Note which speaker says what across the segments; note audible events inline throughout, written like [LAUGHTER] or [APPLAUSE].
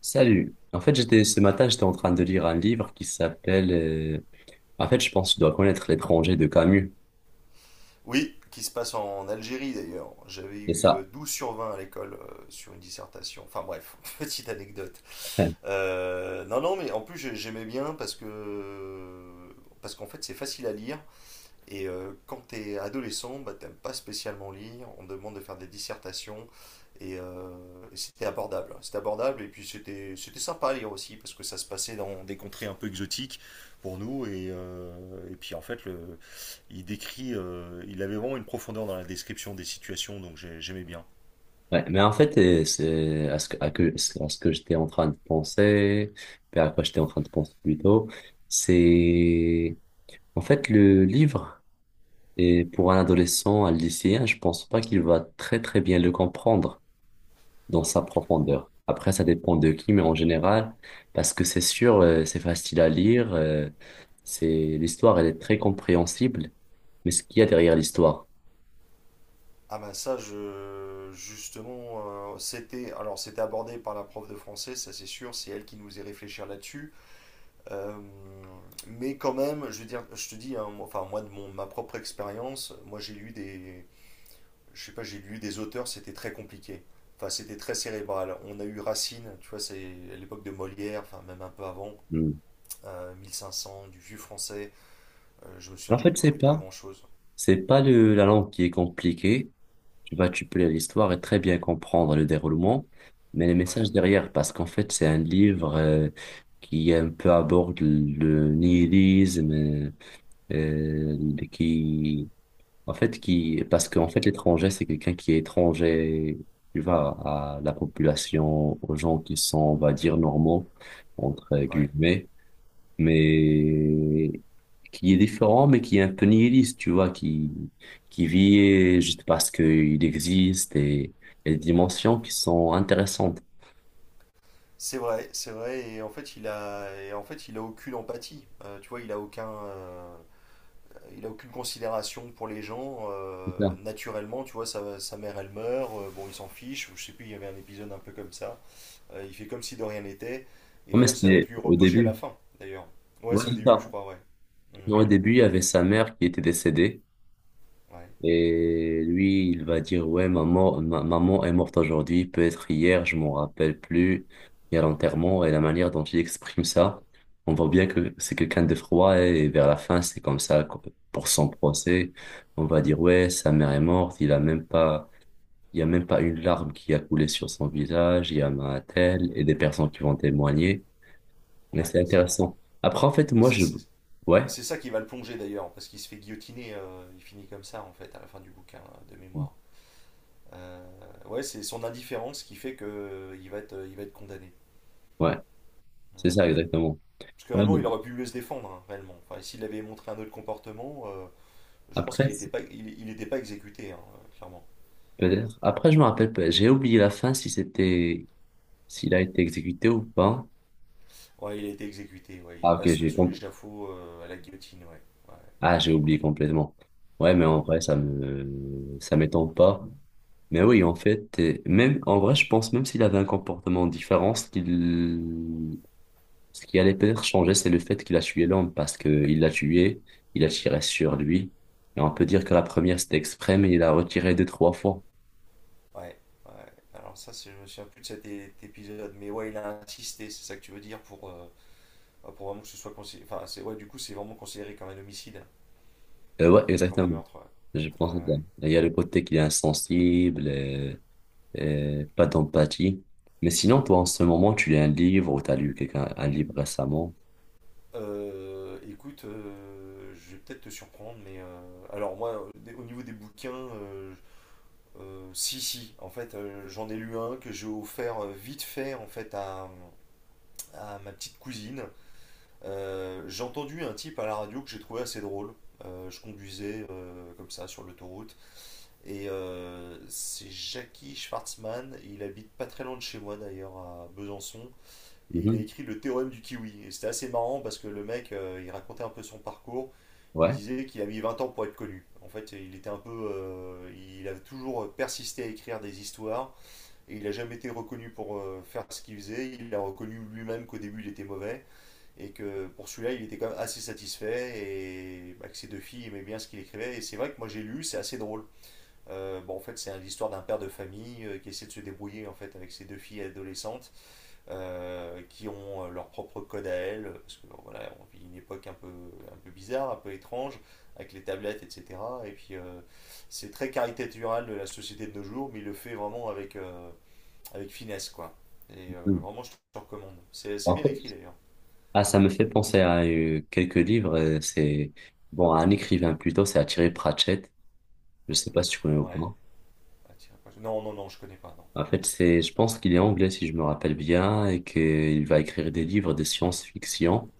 Speaker 1: Salut. En fait, j'étais ce matin, j'étais en train de lire un livre qui s'appelle. En fait, je pense que tu dois connaître L'étranger de Camus.
Speaker 2: Oui, qui se passe en Algérie d'ailleurs. J'avais
Speaker 1: C'est
Speaker 2: eu
Speaker 1: ça.
Speaker 2: 12 sur 20 à l'école, sur une dissertation. Enfin bref, [LAUGHS] petite anecdote.
Speaker 1: [LAUGHS] Ouais.
Speaker 2: Non, non, mais en plus j'aimais bien parce que parce qu'en fait c'est facile à lire. Et quand tu es adolescent, bah, t'aimes pas spécialement lire, on te demande de faire des dissertations, et, euh, et c'était abordable, hein. C'était abordable, et puis c'était sympa à lire aussi, parce que ça se passait dans des contrées un peu exotiques pour nous, et puis en fait, il décrit, il avait vraiment une profondeur dans la description des situations, donc j'aimais bien.
Speaker 1: Ouais. Mais en fait, c'est à ce que j'étais en train de penser, puis à quoi j'étais en train de penser plutôt, c'est en fait le livre est pour un adolescent, un lycéen, je pense pas qu'il va très très bien le comprendre dans sa profondeur. Après, ça dépend de qui, mais en général, parce que c'est sûr, c'est facile à lire, c'est l'histoire, elle est très compréhensible, mais ce qu'il y a derrière l'histoire.
Speaker 2: Ah ben ça, justement, c'était c'était abordé par la prof de français, ça c'est sûr, c'est elle qui nous faisait réfléchir là-dessus. Euh, mais quand même, je veux dire, je te dis, hein, enfin moi de ma propre expérience, moi je sais pas, j'ai lu des auteurs, c'était très compliqué. Enfin, c'était très cérébral. On a eu Racine, tu vois, c'est à l'époque de Molière, enfin même un peu avant,
Speaker 1: Hmm.
Speaker 2: 1500, du vieux français. Je me souviens
Speaker 1: En
Speaker 2: que je
Speaker 1: fait,
Speaker 2: comprenais pas grand-chose.
Speaker 1: c'est pas la langue qui est compliquée. Tu peux lire l'histoire et très bien comprendre le déroulement, mais les
Speaker 2: Ouais,
Speaker 1: messages derrière, parce qu'en fait, c'est un livre, qui un peu aborde le nihilisme, qui En fait, qui, parce qu'en fait, l'étranger, c'est quelqu'un qui est étranger, tu vois, à la population, aux gens qui sont, on va dire, normaux, entre
Speaker 2: ouais.
Speaker 1: guillemets, mais qui est différent, mais qui est un peu nihiliste, tu vois, qui vit juste parce qu'il existe, et des dimensions qui sont intéressantes.
Speaker 2: C'est vrai, c'est vrai. Et en fait, et en fait, il a aucune empathie. Tu vois, il a aucun. Il a aucune considération pour les gens,
Speaker 1: C'est ça.
Speaker 2: naturellement, tu vois, sa mère, elle meurt, bon, il s'en fiche. Je sais plus, il y avait un épisode un peu comme ça. Il fait comme si de rien n'était. Et
Speaker 1: Non, mais
Speaker 2: d'ailleurs, ça va être
Speaker 1: c'était
Speaker 2: lui
Speaker 1: au
Speaker 2: reproché à la
Speaker 1: début.
Speaker 2: fin, d'ailleurs. Ouais,
Speaker 1: Ouais,
Speaker 2: c'est au
Speaker 1: c'est
Speaker 2: début, je
Speaker 1: ça.
Speaker 2: crois, ouais. Mm,
Speaker 1: Non, au début, il y avait sa mère qui était décédée.
Speaker 2: ouais,
Speaker 1: Et lui, il va dire, ouais, maman, maman est morte aujourd'hui, peut-être hier, je m'en rappelle plus. Il y a l'enterrement et la manière dont il exprime ça, on voit bien que c'est quelqu'un de froid, et vers la fin, c'est comme ça pour son procès. On va dire, ouais, sa mère est morte, il y a même pas une larme qui a coulé sur son visage, il y a un tel et des personnes qui vont témoigner. Mais
Speaker 2: ouais,
Speaker 1: c'est
Speaker 2: c'est vrai.
Speaker 1: intéressant. Après, en fait,
Speaker 2: Et c'est
Speaker 1: ouais,
Speaker 2: c'est ça qui va le plonger, d'ailleurs, parce qu'il se fait guillotiner, il finit comme ça, en fait, à la fin du bouquin, de mémoire. Euh, ouais, c'est son indifférence qui fait que il va être condamné.
Speaker 1: ouais,
Speaker 2: Mm.
Speaker 1: c'est ça exactement.
Speaker 2: Parce que
Speaker 1: Ouais, mais
Speaker 2: réellement, il aurait pu mieux se défendre, hein, réellement. Enfin, s'il avait montré un autre comportement, je pense
Speaker 1: après,
Speaker 2: qu'il était pas exécuté, hein, clairement.
Speaker 1: peut-être. Après, je me rappelle pas. J'ai oublié la fin, si c'était, s'il a été exécuté ou pas.
Speaker 2: Ouais, il a été exécuté, ouais. Il
Speaker 1: Ah, ok,
Speaker 2: passe
Speaker 1: j'ai
Speaker 2: sous
Speaker 1: compris.
Speaker 2: l'échafaud, à la guillotine, ouais. Ouais,
Speaker 1: Ah, j'ai oublié complètement. Ouais, mais en vrai, ça m'étonne pas. Mais oui, en fait, même, en vrai, je pense même s'il avait un comportement différent, ce qui allait peut-être changer, c'est le fait qu'il a tué l'homme, parce que il l'a tué, il a tiré sur lui. Et on peut dire que la première, c'était exprès, mais il a retiré deux, trois fois.
Speaker 2: ouais, ouais. Alors ça, je me souviens plus de cet épisode, mais ouais, il a insisté, c'est ça que tu veux dire, pour vraiment que ce soit considéré… Enfin, c'est, ouais, du coup, c'est vraiment considéré comme un homicide,
Speaker 1: Ouais,
Speaker 2: comme un
Speaker 1: exactement.
Speaker 2: meurtre,
Speaker 1: Je
Speaker 2: ouais.
Speaker 1: pense
Speaker 2: Ouais,
Speaker 1: à ça.
Speaker 2: ouais.
Speaker 1: Et il y a le côté qu'il est insensible, pas d'empathie. Mais sinon, toi, en ce moment, tu lis un livre ou t'as lu quelqu'un, un livre récemment?
Speaker 2: Écoute, je vais peut-être te surprendre, mais alors moi, au niveau des bouquins, si, si, en fait, j'en ai lu un que j'ai offert vite fait en fait à ma petite cousine. J'ai entendu un type à la radio que j'ai trouvé assez drôle. Je conduisais comme ça sur l'autoroute et c'est Jackie Schwartzmann. Il habite pas très loin de chez moi d'ailleurs, à Besançon. Et il a
Speaker 1: Mhm.
Speaker 2: écrit Le théorème du kiwi. Et c'était assez marrant parce que le mec, il racontait un peu son parcours. Il
Speaker 1: Ouais.
Speaker 2: disait qu'il a mis 20 ans pour être connu. En fait, il était un peu, il a toujours persisté à écrire des histoires. Et il n'a jamais été reconnu pour faire ce qu'il faisait. Il a reconnu lui-même qu'au début il était mauvais et que pour celui-là il était quand même assez satisfait, et bah, que ses deux filles aimaient bien ce qu'il écrivait. Et c'est vrai que moi j'ai lu, c'est assez drôle. Bon, en fait, c'est l'histoire d'un père de famille qui essaie de se débrouiller en fait avec ses deux filles adolescentes, qui ont leur propre code à elles parce que bon, voilà, on vit une époque un peu bizarre, un peu étrange avec les tablettes, etc. Et puis c'est très caricatural de la société de nos jours, mais il le fait vraiment avec avec finesse, quoi. Et
Speaker 1: Mhm.
Speaker 2: vraiment, je te recommande. C'est
Speaker 1: En
Speaker 2: bien
Speaker 1: fait,
Speaker 2: écrit d'ailleurs.
Speaker 1: ah, ça me fait penser à quelques livres. C'est bon, à un écrivain plutôt, c'est Thierry Pratchett. Je sais pas si tu connais ou
Speaker 2: Ouais.
Speaker 1: pas.
Speaker 2: Ah, tiens, non, non, non, je connais pas, non,
Speaker 1: En
Speaker 2: non,
Speaker 1: fait,
Speaker 2: non.
Speaker 1: je pense qu'il est anglais si je me rappelle bien, et qu'il va écrire des livres de science-fiction,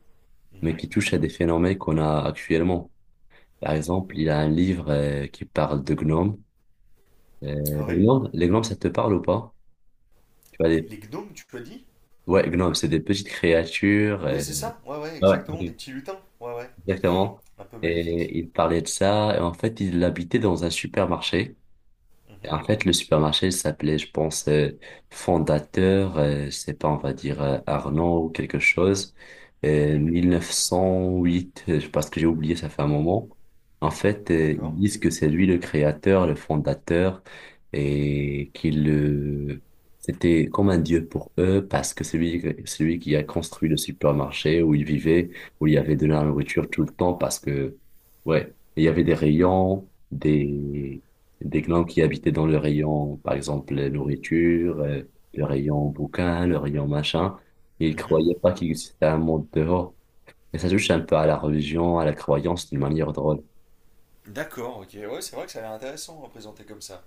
Speaker 1: mais qui
Speaker 2: Mhm.
Speaker 1: touchent à des phénomènes qu'on a actuellement. Par exemple, il a un livre qui parle de gnomes. Euh,
Speaker 2: Ah
Speaker 1: les
Speaker 2: ouais?
Speaker 1: gnomes, les gnomes, ça te parle ou pas? Tu vois, les...
Speaker 2: Les gnomes, tu as dit?
Speaker 1: Ouais, gnome, c'est des petites créatures.
Speaker 2: Oui, c'est ça. Ouais, ouais,
Speaker 1: Ouais,
Speaker 2: exactement. Des
Speaker 1: ok.
Speaker 2: petits lutins. Ouais, ouais.
Speaker 1: Exactement.
Speaker 2: Un peu maléfiques.
Speaker 1: Et il parlait de ça. Et en fait, il habitait dans un supermarché.
Speaker 2: Mhm,
Speaker 1: En fait, le supermarché il s'appelait, je pense, Fondateur, je sais pas, on va dire Arnaud ou quelque chose,
Speaker 2: mhm.
Speaker 1: 1908, parce que j'ai oublié, ça fait un moment. En fait, ils
Speaker 2: D'accord.
Speaker 1: disent que c'est lui le créateur, le fondateur, et qu'il c'était comme un dieu pour eux, parce que c'est lui qui a construit le supermarché où ils vivaient, où il y avait de la nourriture tout le temps, parce que, ouais, il y avait des des glands qui habitaient dans le rayon, par exemple, les nourritures, le rayon bouquin, le rayon machin. Ils
Speaker 2: Mhm.
Speaker 1: croyaient pas qu'il existait un monde dehors. Et ça touche un peu à la religion, à la croyance d'une manière drôle.
Speaker 2: D'accord, ok. Ouais, c'est vrai que ça a l'air intéressant à présenter comme ça.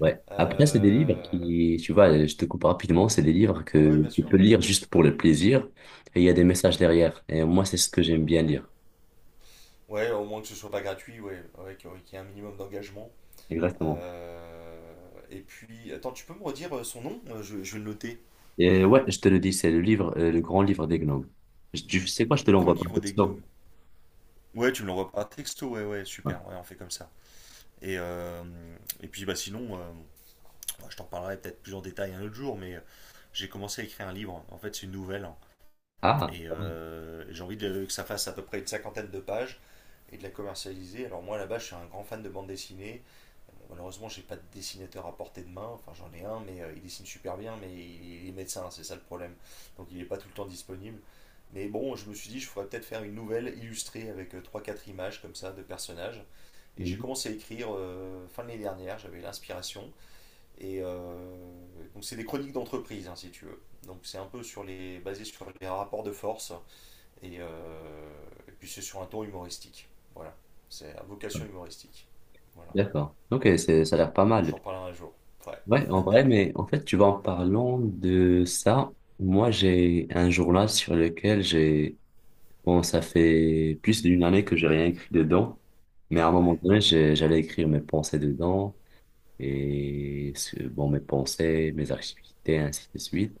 Speaker 1: Ouais. Après, c'est des livres
Speaker 2: Euh,
Speaker 1: qui, tu vois, je te coupe rapidement, c'est des livres
Speaker 2: Ouais,
Speaker 1: que
Speaker 2: ouais, bien
Speaker 1: tu
Speaker 2: sûr.
Speaker 1: peux lire juste pour le plaisir, et il y a des messages derrière. Et moi, c'est ce que j'aime bien lire.
Speaker 2: Ouais, au moins que ce soit pas gratuit, ouais. Ouais, qu'il y ait un minimum d'engagement.
Speaker 1: Exactement.
Speaker 2: Et puis, attends, tu peux me redire son nom? Je vais le noter.
Speaker 1: Et ouais, je te le dis, c'est le livre, le grand livre des gnomes. Tu sais quoi, je te
Speaker 2: Grand
Speaker 1: l'envoie par
Speaker 2: livre des
Speaker 1: texto.
Speaker 2: gnomes. Ouais, tu me l'envoies par texto, ouais, ouais,
Speaker 1: Ouais.
Speaker 2: super, ouais, on fait comme ça. Et, euh, et puis bah sinon, bah, je t'en parlerai peut-être plus en détail un autre jour, mais j'ai commencé à écrire un livre, en fait c'est une nouvelle, hein.
Speaker 1: Ah,
Speaker 2: Et que ça fasse à peu près une cinquantaine de pages et de la commercialiser. Alors moi là-bas, je suis un grand fan de bande dessinée. Malheureusement, j'ai pas de dessinateur à portée de main. Enfin, j'en ai un, mais il dessine super bien, mais il est médecin, c'est ça le problème. Donc, il n'est pas tout le temps disponible. Mais bon, je me suis dit, je pourrais peut-être faire une nouvelle illustrée avec trois, quatre images comme ça de personnages. Et j'ai
Speaker 1: ouais.
Speaker 2: commencé à écrire fin de l'année dernière, j'avais l'inspiration. Et euh, donc c'est des chroniques d'entreprise, hein, si tu veux. Donc c'est un peu sur basé sur les rapports de force. Et, euh, et puis c'est sur un ton humoristique. Voilà, c'est à vocation humoristique. Voilà,
Speaker 1: D'accord. Ok, c'est, ça a l'air pas
Speaker 2: je
Speaker 1: mal.
Speaker 2: t'en parlerai un jour. Ouais.
Speaker 1: Ouais, en vrai, mais en fait, tu vois, en parlant de ça, moi, j'ai un journal sur lequel j'ai, bon, ça fait plus d'une année que j'ai rien écrit dedans, mais à un moment
Speaker 2: Ouais.
Speaker 1: donné, j'allais écrire mes pensées dedans, bon, mes pensées, mes activités, ainsi de suite.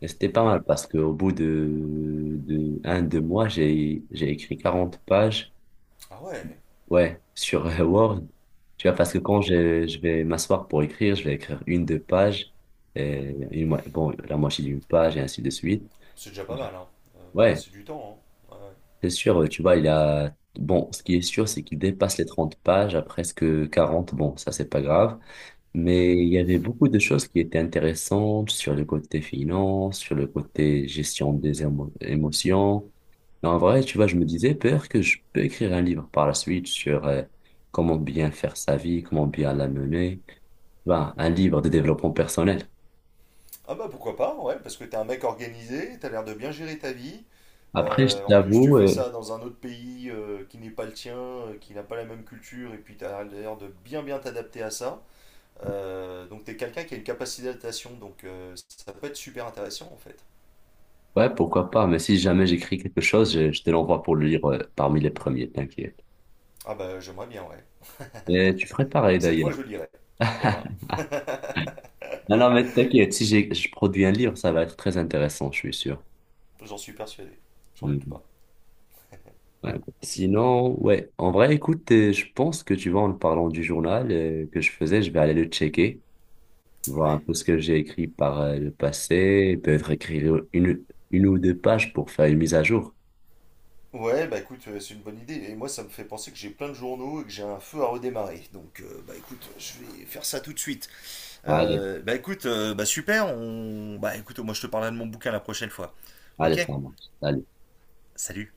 Speaker 1: Et c'était pas
Speaker 2: Mhm.
Speaker 1: mal parce qu'au bout de un, deux mois, j'ai écrit 40 pages.
Speaker 2: Ah ouais.
Speaker 1: Ouais, sur Word. Tu vois, parce que quand je vais m'asseoir pour écrire, je vais écrire une, deux pages,
Speaker 2: Mhm.
Speaker 1: et bon, la moitié d'une page, et ainsi de suite.
Speaker 2: C'est déjà pas mal, hein.
Speaker 1: Ouais,
Speaker 2: C'est du temps, hein. Ouais, ouais.
Speaker 1: c'est sûr, tu vois, il a... Bon, ce qui est sûr, c'est qu'il dépasse les 30 pages, à presque 40. Bon, ça, c'est pas grave.
Speaker 2: Mhm.
Speaker 1: Mais il y avait beaucoup de choses qui étaient intéressantes sur le côté finance, sur le côté gestion des émotions. Mais en vrai, tu vois, je me disais, peur que je peux écrire un livre par la suite sur comment bien faire sa vie, comment bien la mener. Ben, un livre de développement personnel.
Speaker 2: Ah bah pourquoi pas, ouais, parce que t'es un mec organisé, t'as l'air de bien gérer ta vie.
Speaker 1: Après, je
Speaker 2: En plus, tu
Speaker 1: t'avoue,
Speaker 2: fais ça dans un autre pays, qui n'est pas le tien, qui n'a pas la même culture, et puis t'as l'air de bien t'adapter à ça. Donc t'es quelqu'un qui a une capacité d'adaptation, donc ça peut être super intéressant en fait.
Speaker 1: ouais, pourquoi pas, mais si jamais j'écris quelque chose, je te l'envoie pour le lire parmi les premiers, t'inquiète.
Speaker 2: Ah bah j'aimerais bien, ouais.
Speaker 1: Et tu ferais pareil
Speaker 2: Cette fois
Speaker 1: d'ailleurs.
Speaker 2: je lirai, voilà,
Speaker 1: [LAUGHS] Non, non, mais t'inquiète, si je produis un livre, ça va être très intéressant, je suis sûr.
Speaker 2: j'en suis persuadé, j'en doute
Speaker 1: Mhm.
Speaker 2: pas.
Speaker 1: Ouais. Sinon, ouais, en vrai, écoute, je pense que tu vois, en parlant du journal que je faisais, je vais aller le checker, voir un
Speaker 2: Ouais.
Speaker 1: peu ce que j'ai écrit par le passé, et peut-être écrire une ou deux pages pour faire une mise à jour.
Speaker 2: Ouais, bah écoute, c'est une bonne idée. Et moi, ça me fait penser que j'ai plein de journaux et que j'ai un feu à redémarrer. Donc, bah écoute, je vais faire ça tout de suite.
Speaker 1: Allez,
Speaker 2: Bah super. Bah écoute, moi je te parlerai de mon bouquin la prochaine fois.
Speaker 1: allez,
Speaker 2: Ok?
Speaker 1: ça marche. Allez.
Speaker 2: Salut.